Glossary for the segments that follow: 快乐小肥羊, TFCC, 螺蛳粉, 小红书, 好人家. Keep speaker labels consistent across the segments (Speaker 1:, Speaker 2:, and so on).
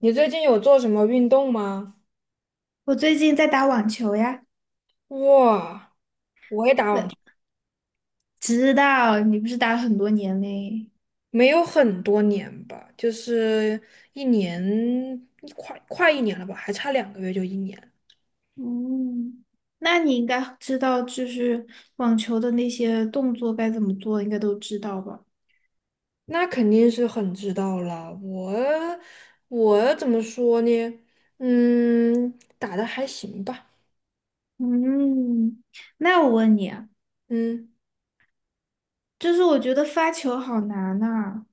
Speaker 1: 你最近有做什么运动吗？
Speaker 2: 我最近在打网球呀。
Speaker 1: 哇，我也打网
Speaker 2: 呃，
Speaker 1: 球，
Speaker 2: 知道你不是打了很多年嘞。
Speaker 1: 没有很多年吧，就是一年，快一年了吧，还差两个月就一年，
Speaker 2: 嗯，那你应该知道，就是网球的那些动作该怎么做，应该都知道吧？
Speaker 1: 那肯定是很知道了。我怎么说呢？嗯，打的还行吧。
Speaker 2: 嗯，那我问你啊，
Speaker 1: 嗯，
Speaker 2: 就是我觉得发球好难呐。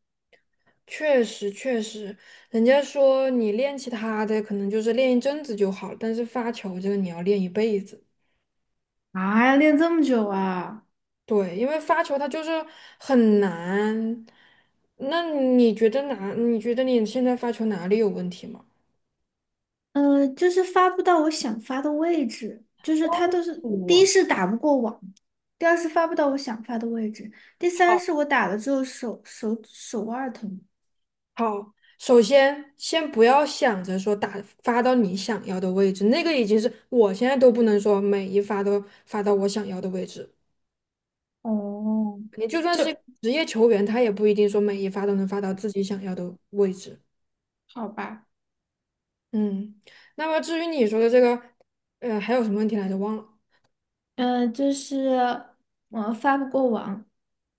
Speaker 1: 确实确实，人家说你练其他的可能就是练一阵子就好了，但是发球这个你要练一辈子。
Speaker 2: 啊，要练这么久啊？
Speaker 1: 对，因为发球它就是很难。那你觉得哪？你觉得你现在发球哪里有问题吗？
Speaker 2: 就是发不到我想发的位置，就是它都是，第一
Speaker 1: 我
Speaker 2: 是打不过网，第二是发不到我想发的位置，第三
Speaker 1: 好，
Speaker 2: 是我打了之后手腕儿疼。
Speaker 1: 好，首先先不要想着说打发到你想要的位置，那个已经是我现在都不能说每一发都发到我想要的位置。
Speaker 2: 哦，
Speaker 1: 你就算
Speaker 2: 就
Speaker 1: 是一个职业球员，他也不一定说每一发都能发到自己想要的位置。
Speaker 2: 好吧。
Speaker 1: 嗯，那么至于你说的这个，还有什么问题来着？忘了。
Speaker 2: 就是我发不过网，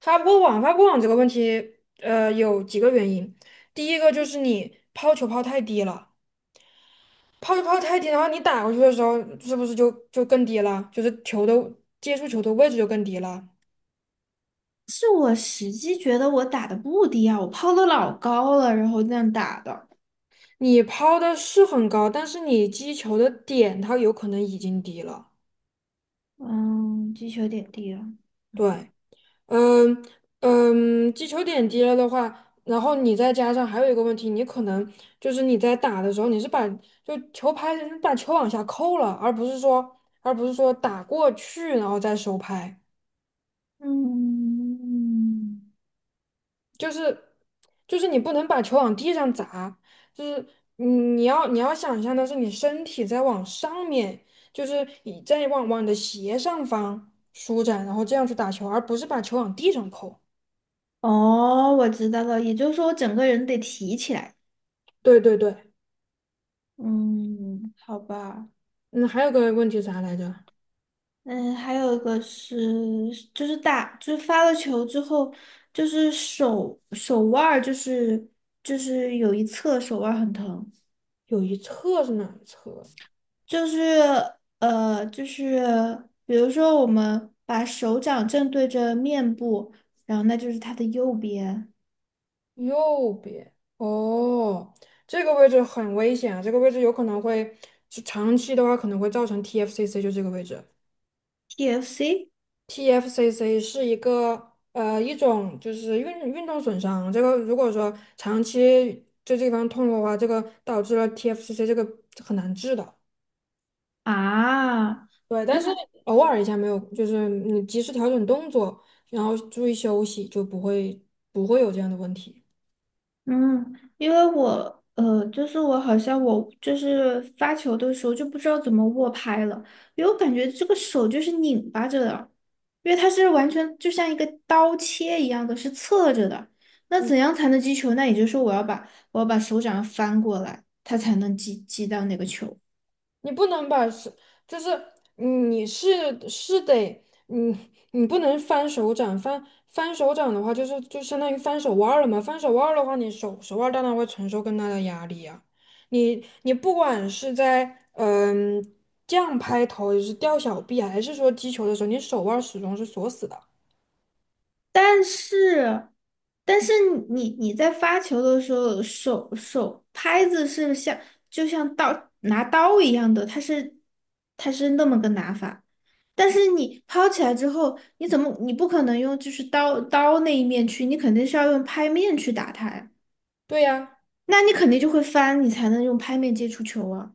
Speaker 1: 发不过网这个问题，有几个原因。第一个就是你抛球抛太低了，抛球抛太低的话，你打过去的时候，是不是就更低了？就是接触球的位置就更低了。
Speaker 2: 是我实际觉得我打的不低啊，我抛的老高了，然后这样打的。
Speaker 1: 你抛的是很高，但是你击球的点它有可能已经低了。
Speaker 2: 嗯，击球点低了。
Speaker 1: 对。嗯嗯，击球点低了的话，然后你再加上还有一个问题，你可能就是你在打的时候，你是把就球拍你把球往下扣了，而不是说打过去然后再收拍，
Speaker 2: 嗯，
Speaker 1: 就是就是你不能把球往地上砸，就是你要想象的是你身体在往上面，就是你在往你的斜上方舒展，然后这样去打球，而不是把球往地上扣。
Speaker 2: 哦，我知道了，也就是说我整个人得提起来。
Speaker 1: 对对对，
Speaker 2: 嗯，好吧。
Speaker 1: 嗯，还有个问题啥来着？
Speaker 2: 嗯，还有一个是，就是打，就是发了球之后，就是手腕儿，就是有一侧手腕儿很疼，
Speaker 1: 有一侧是哪一侧？
Speaker 2: 就是就是比如说我们把手掌正对着面部，然后那就是它的右边
Speaker 1: 右边。哦，这个位置很危险啊！这个位置有可能会，就长期的话可能会造成 TFCC，就这个位置。
Speaker 2: ，TFC
Speaker 1: TFCC 是一种就是运动损伤，这个如果说长期就这个地方痛的话，这个导致了 TFCC 这个很难治的。
Speaker 2: 啊。
Speaker 1: 对，但是偶尔一下没有，就是你及时调整动作，然后注意休息，就不会有这样的问题。
Speaker 2: 嗯，因为我就是我好像我就是发球的时候就不知道怎么握拍了，因为我感觉这个手就是拧巴着的，因为它是完全就像一个刀切一样的，是侧着的。那
Speaker 1: 嗯。
Speaker 2: 怎样才能击球？那也就是说我要把手掌翻过来，它才能击到那个球。
Speaker 1: 你不能把是，就是你是是得，嗯，你不能翻手掌，翻手掌的话，就是就相当于翻手腕儿了嘛。翻手腕儿的话，你手腕儿当然会承受更大的压力呀、你不管是在这样拍头，也是吊小臂啊，还是说击球的时候，你手腕儿始终是锁死的。
Speaker 2: 但是，但是你在发球的时候，手拍子是像就像刀拿刀一样的，它是那么个拿法。但是你抛起来之后，你怎么你不可能用就是刀那一面去，你肯定是要用拍面去打它呀。
Speaker 1: 对呀、
Speaker 2: 那你肯定就会翻，你才能用拍面接触球啊。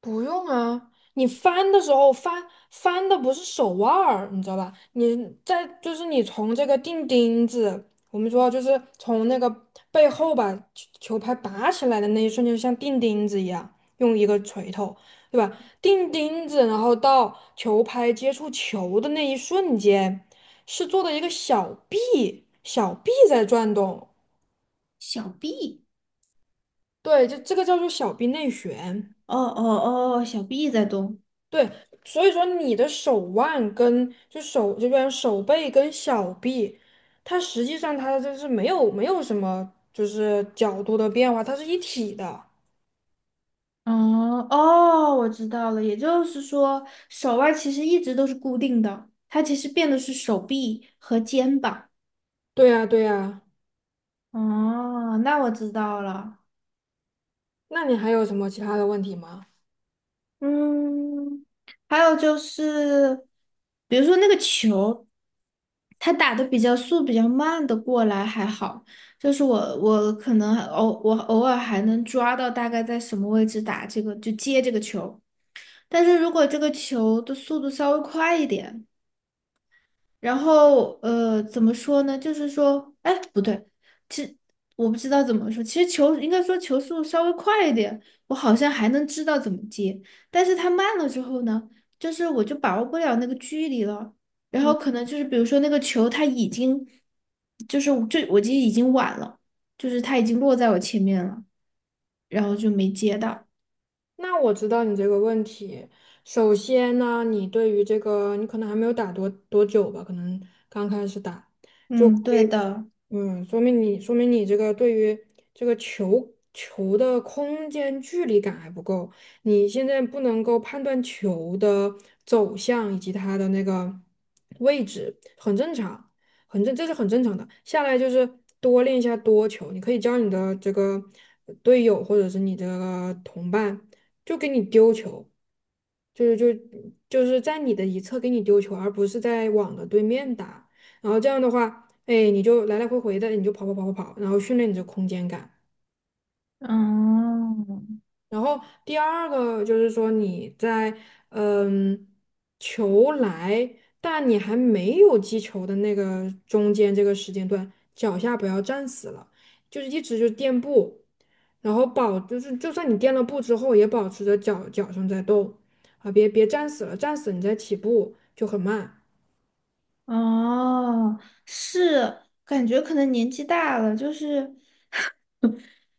Speaker 1: 不用啊，你翻的时候翻的不是手腕儿，你知道吧？你在就是你从这个钉钉子，我们说就是从那个背后把球拍拔起来的那一瞬间，就像钉钉子一样，用一个锤头，对吧？钉钉子，然后到球拍接触球的那一瞬间，是做的一个小臂，小臂在转动，
Speaker 2: 小臂，
Speaker 1: 对，就这个叫做小臂内旋。
Speaker 2: 哦哦哦，小臂在动。
Speaker 1: 对，所以说你的手腕跟就手这边手背跟小臂，它实际上它就是没有什么就是角度的变化，它是一体的。
Speaker 2: 哦哦，我知道了，也就是说，手腕其实一直都是固定的，它其实变的是手臂和肩膀。
Speaker 1: 对呀，对呀。
Speaker 2: 哦，那我知道了。
Speaker 1: 那你还有什么其他的问题吗？
Speaker 2: 嗯，还有就是，比如说那个球，它打的比较速、比较慢的过来还好，就是我可能还偶尔还能抓到大概在什么位置打这个，就接这个球。但是如果这个球的速度稍微快一点，然后怎么说呢？就是说，哎，不对，其实我不知道怎么说。其实球应该说球速稍微快一点，我好像还能知道怎么接。但是它慢了之后呢，就是我就把握不了那个距离了。然后
Speaker 1: 嗯，
Speaker 2: 可能就是比如说那个球，它已经就我记得已经晚了，就是它已经落在我前面了，然后就没接到。
Speaker 1: 那我知道你这个问题。首先呢，你对于这个你可能还没有打多久吧，可能刚开始打。就
Speaker 2: 嗯，对的。
Speaker 1: 嗯，说明你这个对于这个球的空间距离感还不够，你现在不能够判断球的走向以及它的那个位置，很正常，这是很正常的。下来就是多练一下多球，你可以教你的这个队友或者是你的同伴，就给你丢球，就是就就是在你的一侧给你丢球，而不是在网的对面打。然后这样的话。哎，你就来来回回的，你就跑跑跑跑跑，然后训练你的空间感。
Speaker 2: 哦，
Speaker 1: 然后第二个就是说你在嗯球来，但你还没有击球的那个中间这个时间段，脚下不要站死了，就是一直就垫步，然后就是就算你垫了步之后，也保持着脚上在动啊，别站死了，站死你再起步就很慢。
Speaker 2: 哦，是，感觉可能年纪大了，就是，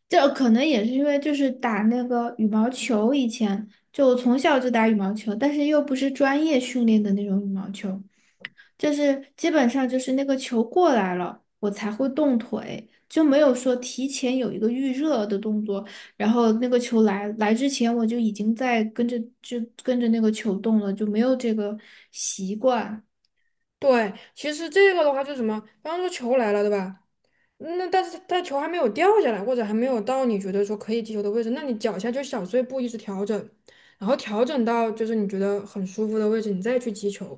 Speaker 2: 这可能也是因为就是打那个羽毛球，以前就从小就打羽毛球，但是又不是专业训练的那种羽毛球，就是基本上就是那个球过来了，我才会动腿，就没有说提前有一个预热的动作，然后那个球来之前我就已经在跟着那个球动了，就没有这个习惯。
Speaker 1: 对，其实这个的话就是什么？比方说球来了，对吧？那但是它球还没有掉下来，或者还没有到你觉得说可以击球的位置，那你脚下就小碎步一直调整，然后调整到就是你觉得很舒服的位置，你再去击球。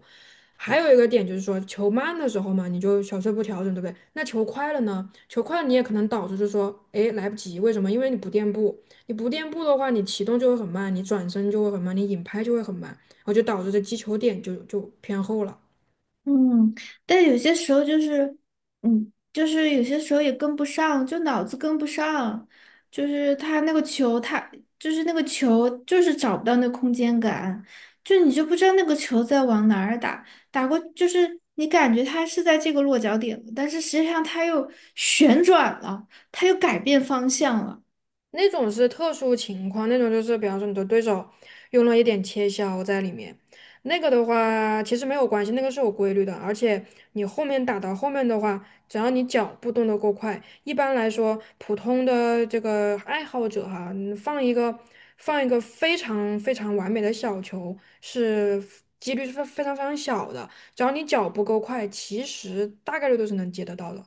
Speaker 1: 还有一个点就是说，球慢的时候嘛，你就小碎步调整，对不对？那球快了呢？球快了你也可能导致就是说，哎，来不及，为什么？因为你不垫步，你不垫步的话，你启动就会很慢，你转身就会很慢，你引拍就会很慢，然后就导致这击球点就偏后了。
Speaker 2: 嗯，但有些时候就是，就是有些时候也跟不上，就脑子跟不上，就是他那个球，他就是那个球，就是找不到那空间感，就你就不知道那个球在往哪儿打，打过就是你感觉它是在这个落脚点了但是实际上它又旋转了，它又改变方向了。
Speaker 1: 那种是特殊情况，那种就是比方说你的对手用了一点切削在里面，那个的话其实没有关系，那个是有规律的，而且你后面打到后面的话，只要你脚步动得够快，一般来说普通的这个爱好者哈，你放一个非常非常完美的小球是几率是非常非常小的，只要你脚步够快，其实大概率都是能接得到的。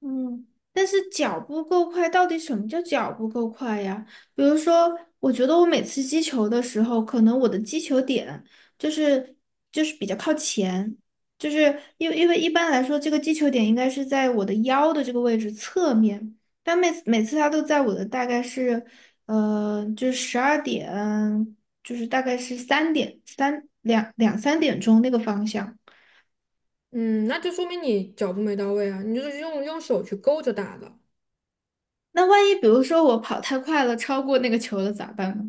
Speaker 2: 嗯，但是脚步够快，到底什么叫脚步够快呀？比如说，我觉得我每次击球的时候，可能我的击球点就是比较靠前，就是因为一般来说，这个击球点应该是在我的腰的这个位置侧面，但每次它都在我的大概是就是12点，就是大概是三点三两两3点钟那个方向。
Speaker 1: 嗯，那就说明你脚步没到位啊，你就是用手去勾着打的，
Speaker 2: 那万一比如说我跑太快了，超过那个球了咋办呢？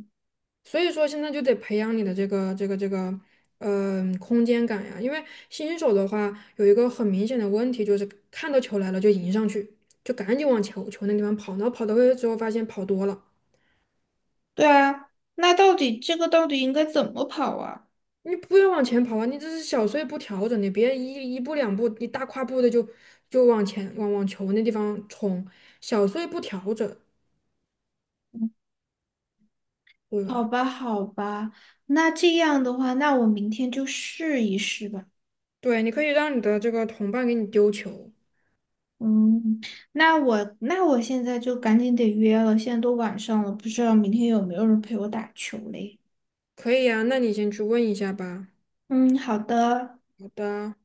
Speaker 1: 所以说现在就得培养你的这个，空间感呀，因为新手的话有一个很明显的问题就是看到球来了就迎上去，就赶紧往球那地方跑，然后跑到位之后发现跑多了，
Speaker 2: 对啊，那到底这个到底应该怎么跑啊？
Speaker 1: 你不要往前跑啊，你这是小碎步调整，你别一步两步，你大跨步的就往前往球那地方冲，小碎步调整，对
Speaker 2: 好
Speaker 1: 吧？
Speaker 2: 吧，好吧，那这样的话，那我明天就试一试吧。
Speaker 1: 对，你可以让你的这个同伴给你丢球。
Speaker 2: 嗯，那我现在就赶紧得约了，现在都晚上了，不知道明天有没有人陪我打球嘞？
Speaker 1: 可以啊，那你先去问一下吧。
Speaker 2: 嗯，好的。
Speaker 1: 好的。